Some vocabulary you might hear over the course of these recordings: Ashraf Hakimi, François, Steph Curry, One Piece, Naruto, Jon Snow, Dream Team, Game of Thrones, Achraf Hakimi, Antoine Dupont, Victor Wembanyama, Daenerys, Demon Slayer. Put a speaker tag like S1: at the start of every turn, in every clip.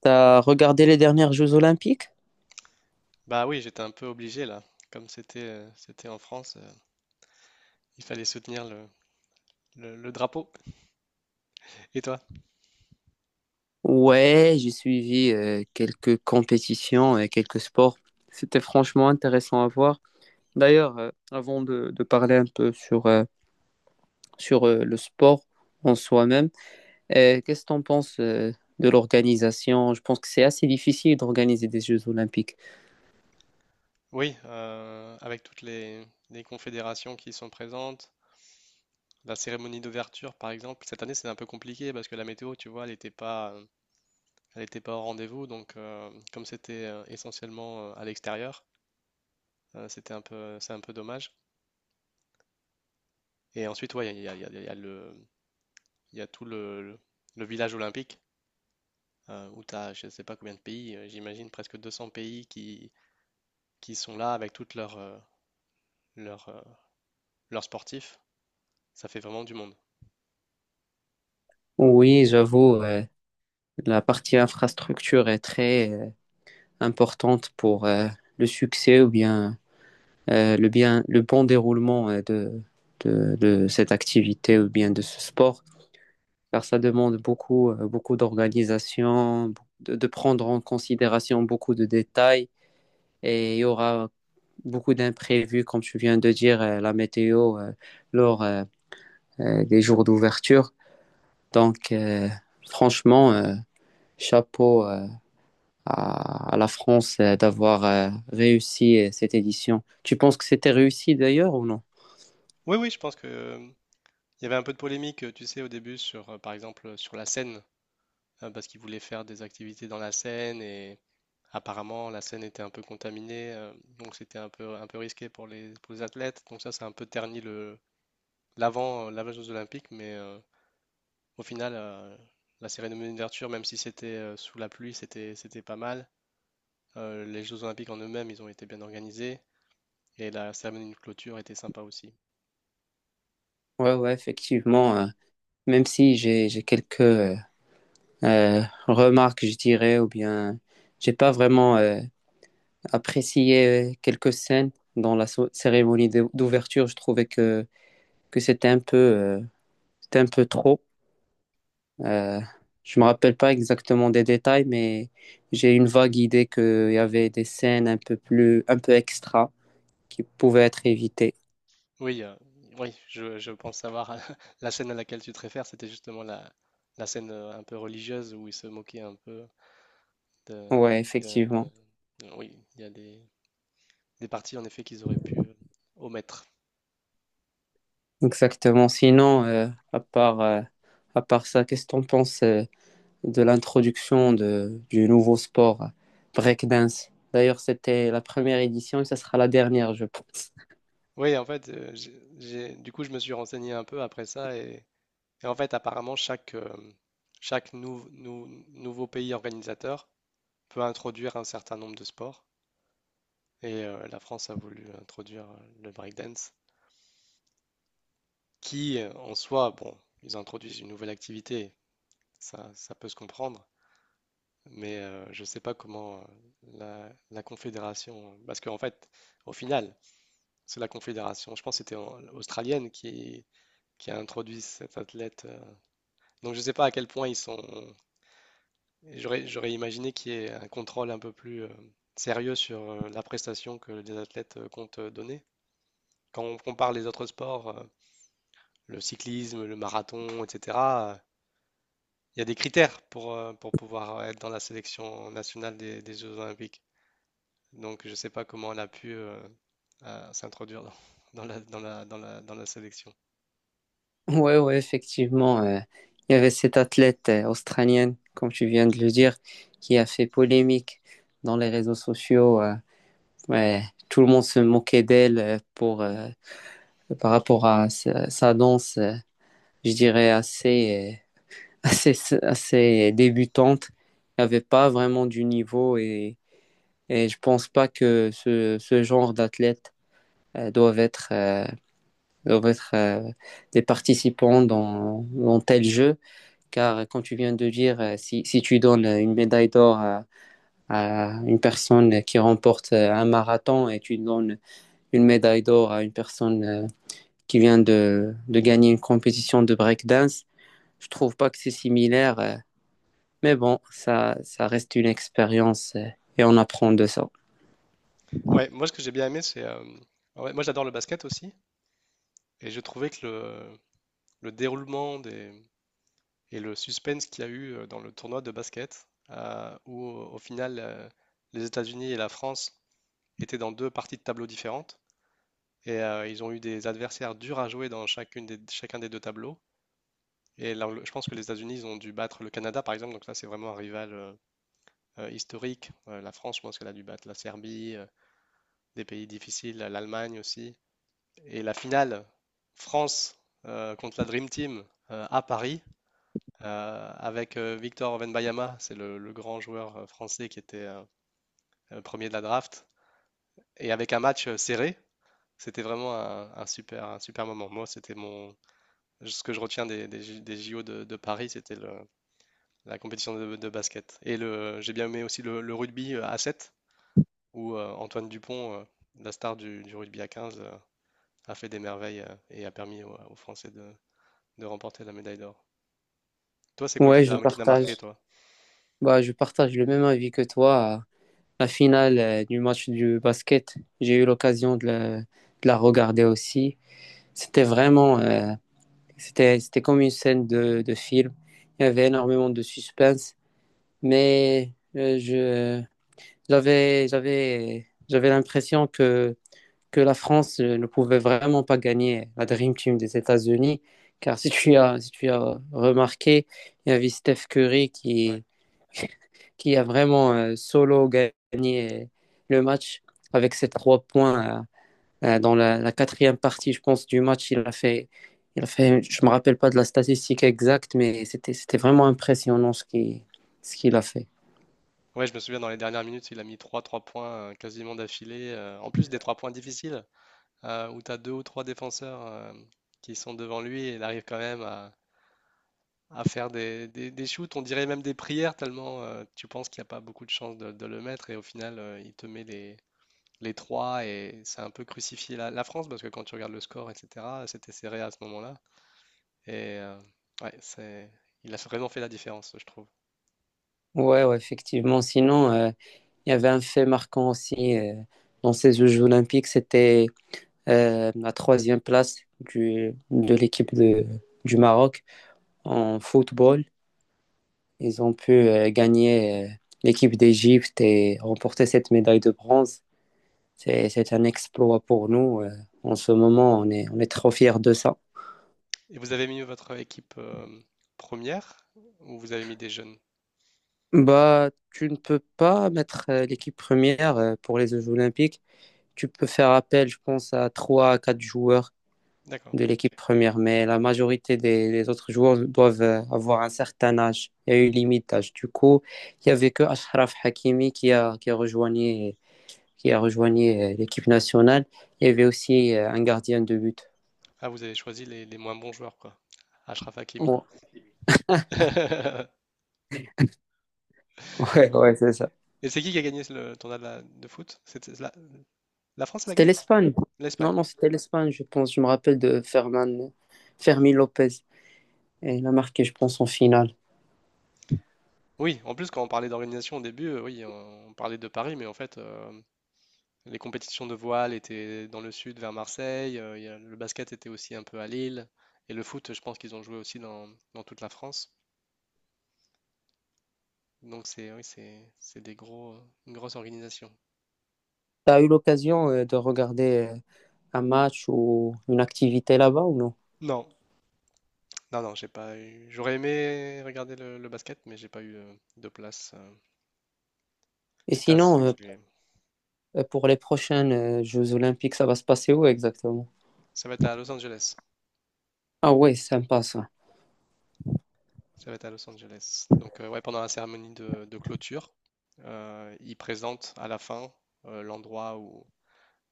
S1: T'as regardé les dernières Jeux Olympiques?
S2: Bah oui, j'étais un peu obligé là. Comme c'était c'était en France, il fallait soutenir le drapeau. Et toi?
S1: Ouais, j'ai suivi quelques compétitions et quelques sports. C'était franchement intéressant à voir. D'ailleurs, avant de parler un peu sur, le sport en soi-même, qu'est-ce que t'en penses de l'organisation? Je pense que c'est assez difficile d'organiser des Jeux Olympiques.
S2: Oui, avec toutes les confédérations qui sont présentes, la cérémonie d'ouverture par exemple. Cette année, c'était un peu compliqué parce que la météo, tu vois, elle n'était pas, elle était pas au rendez-vous. Donc, comme c'était essentiellement à l'extérieur, c'est un peu dommage. Et ensuite, ouais, il y a, il y a- il y a- il y a le, il y a tout le- le- village olympique. Où tu as je sais pas combien de pays, j'imagine presque 200 pays qui sont là avec toutes leurs euh, leurs sportifs. Ça fait vraiment du monde.
S1: Oui, j'avoue, la partie infrastructure est très importante pour le succès ou bien le, bien, le bon déroulement de cette activité ou bien de ce sport, car ça demande beaucoup, beaucoup d'organisation, de prendre en considération beaucoup de détails et il y aura beaucoup d'imprévus, comme tu viens de dire, la météo lors des jours d'ouverture. Donc, franchement, chapeau à la France d'avoir réussi cette édition. Tu penses que c'était réussi d'ailleurs ou non?
S2: Oui, oui, je pense que il y avait un peu de polémique, tu sais, au début sur par exemple, sur la Seine, parce qu'ils voulaient faire des activités dans la Seine et apparemment la Seine était un peu contaminée, donc c'était un peu risqué pour les athlètes. Donc ça a un peu terni le l'avant des Jeux Olympiques, mais au final, la cérémonie d'ouverture, même si c'était sous la pluie, c'était pas mal. Les Jeux Olympiques en eux-mêmes, ils ont été bien organisés. Et la cérémonie de clôture était sympa aussi.
S1: Ouais, ouais, effectivement. Même si j'ai quelques remarques, je dirais, ou bien j'ai pas vraiment apprécié quelques scènes dans la cérémonie d'ouverture. Je trouvais que c'était un peu trop. Euh, je me rappelle pas exactement des détails, mais j'ai une vague idée qu'il y avait des scènes un peu plus un peu extra qui pouvaient être évitées.
S2: Oui, oui, je pense savoir la scène à laquelle tu te réfères, c'était justement la scène un peu religieuse où ils se moquaient un peu de,
S1: Ouais,
S2: de- de-
S1: effectivement,
S2: oui, il y a des parties en effet qu'ils auraient pu omettre.
S1: exactement. Sinon, à part euh, à part ça, qu'est-ce que t'en penses? De l'introduction du nouveau sport breakdance. D'ailleurs, c'était la première édition et ça sera la dernière, je pense.
S2: Oui, en fait, du coup, je me suis renseigné un peu après ça et en fait, apparemment, chaque nouveau pays organisateur peut introduire un certain nombre de sports et la France a voulu introduire le breakdance. Qui, en soi, bon, ils introduisent une nouvelle activité, ça peut se comprendre, mais je ne sais pas comment la Confédération, parce qu'en fait, au final, c'est la Confédération, je pense que c'était australienne qui a introduit cet athlète. Donc je ne sais pas à quel point ils sont... J'aurais, j'aurais imaginé qu'il y ait un contrôle un peu plus sérieux sur la prestation que les athlètes comptent donner. Quand on compare les autres sports, le cyclisme, le marathon, etc. Il y a des critères pour pouvoir être dans la sélection nationale des Jeux Olympiques. Donc, je ne sais pas comment elle a pu s'introduire dans, dans la sélection.
S1: Ouais, ouais, effectivement, il y avait cette athlète australienne, comme tu viens de le dire, qui a fait polémique dans les réseaux sociaux. Ouais, tout le monde se moquait d'elle pour par rapport à sa danse, je dirais assez euh, assez assez débutante. Il n'y avait pas vraiment du niveau et je pense pas que ce genre d'athlètes euh, doivent être, euh, doivent être des participants dans, dans tel jeu, car quand tu viens de dire, si, si tu donnes une médaille d'or à une personne qui remporte un marathon et tu donnes une médaille d'or à une personne qui vient de gagner une compétition de breakdance, je trouve pas que c'est similaire, mais bon, ça reste une expérience et on apprend de ça.
S2: Ouais, moi, ce que j'ai bien aimé, c'est. Ah ouais, moi, j'adore le basket aussi. Et je trouvais que le déroulement des, et le suspense qu'il y a eu dans le tournoi de basket, où au final, les États-Unis et la France étaient dans deux parties de tableaux différentes. Et ils ont eu des adversaires durs à jouer dans chacun des deux tableaux. Et là, je pense que les États-Unis, ils ont dû battre le Canada, par exemple. Donc là, c'est vraiment un rival historique. La France, je pense qu'elle a dû battre la Serbie, des pays difficiles, l'Allemagne aussi. Et la finale, France contre la Dream Team à Paris, avec Victor Wembanyama, c'est le grand joueur français qui était premier de la draft. Et avec un match serré, c'était vraiment un super moment. Moi, ce que je retiens des J- des JO de Paris, c'était la compétition de basket. Et le, j'ai bien aimé aussi le rugby à 7 où Antoine Dupont, la star du rugby à 15, a fait des merveilles et a permis aux Français de remporter la médaille d'or. Toi, c'est quoi
S1: Ouais, je
S2: qui t'a marqué,
S1: partage.
S2: toi?
S1: Bah, je partage le même avis que toi. La finale du match du basket, j'ai eu l'occasion de la regarder aussi. C'était vraiment, c'était comme une scène de film. Il y avait énormément de suspense, mais j'avais l'impression que la France ne pouvait vraiment pas gagner la Dream Team des États-Unis, car si tu as, si tu as remarqué, il y avait Steph Curry
S2: Ouais.
S1: qui a vraiment solo gagné le match avec ses trois points dans la, la quatrième partie, je pense, du match. Je me rappelle pas de la statistique exacte, mais c'était vraiment impressionnant ce ce qu'il a fait.
S2: Ouais, je me souviens dans les dernières minutes, il a mis trois points quasiment d'affilée. En plus des 3 points difficiles, où tu as deux ou trois défenseurs qui sont devant lui et il arrive quand même à faire des shoots, on dirait même des prières, tellement tu penses qu'il n'y a pas beaucoup de chances de le mettre, et au final, il te met les trois, et c'est un peu crucifié la France, parce que quand tu regardes le score, etc., c'était serré à ce moment-là. Et ouais, c'est, il a vraiment fait la différence, je trouve.
S1: Ouais, ouais, effectivement. Sinon, il y avait un fait marquant aussi dans ces Jeux olympiques, c'était la troisième place de l'équipe du Maroc en football. Ils ont pu gagner l'équipe d'Égypte et remporter cette médaille de bronze. C'est un exploit pour nous. En ce moment, on est trop fiers de ça.
S2: Et vous avez mis votre équipe première, ou vous avez mis des jeunes?
S1: Bah, tu ne peux pas mettre l'équipe première pour les Jeux Olympiques. Tu peux faire appel, je pense, à 3, à 4 joueurs
S2: D'accord.
S1: de l'équipe première, mais la majorité des autres joueurs doivent avoir un certain âge. Il y a eu limite d'âge. Du coup, il n'y avait que Ashraf Hakimi qui a rejoint qui a rejoigné l'équipe nationale. Il y avait aussi un gardien de but.
S2: Ah, vous avez choisi les moins bons joueurs, quoi. Achraf Hakimi.
S1: Ouais, ouais, ouais c'est ça.
S2: Et c'est qui a gagné le tournoi de foot? C'était la France l'a
S1: C'était
S2: gagné?
S1: l'Espagne. Non,
S2: L'Espagne.
S1: non, c'était l'Espagne, je pense. Je me rappelle de Ferman, Fermi Lopez. Et il a marqué, je pense, en finale.
S2: Oui, en plus, quand on parlait d'organisation au début, oui, on parlait de Paris, mais en fait, les compétitions de voile étaient dans le sud, vers Marseille, le basket était aussi un peu à Lille, et le foot, je pense qu'ils ont joué aussi dans, dans toute la France. Donc, c'est une grosse organisation.
S1: Tu as eu l'occasion de regarder un match ou une activité là-bas ou non?
S2: Non, non, non, j'ai pas eu. J'aurais aimé regarder le basket, mais j'ai pas eu de place.
S1: Et
S2: C'était
S1: sinon,
S2: assez compliqué.
S1: pour les prochaines Jeux Olympiques, ça va se passer où exactement?
S2: Ça va être à Los Angeles.
S1: Ah ouais, sympa ça.
S2: Ça va être à Los Angeles. Donc, ouais, pendant la cérémonie de clôture, ils présentent à la fin l'endroit où,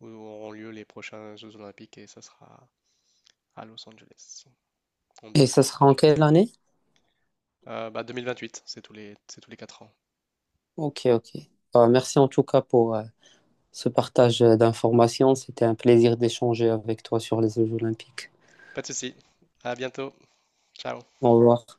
S2: où auront lieu les prochains Jeux Olympiques et ça sera à Los Angeles en
S1: Et ça sera en
S2: 2028.
S1: quelle année?
S2: Bah, 2028, c'est c'est tous les 4 ans.
S1: Ok, ok. Bah, merci en tout cas pour ce partage d'informations. C'était un plaisir d'échanger avec toi sur les Jeux Olympiques.
S2: Pas de souci. À bientôt. Ciao.
S1: Au revoir.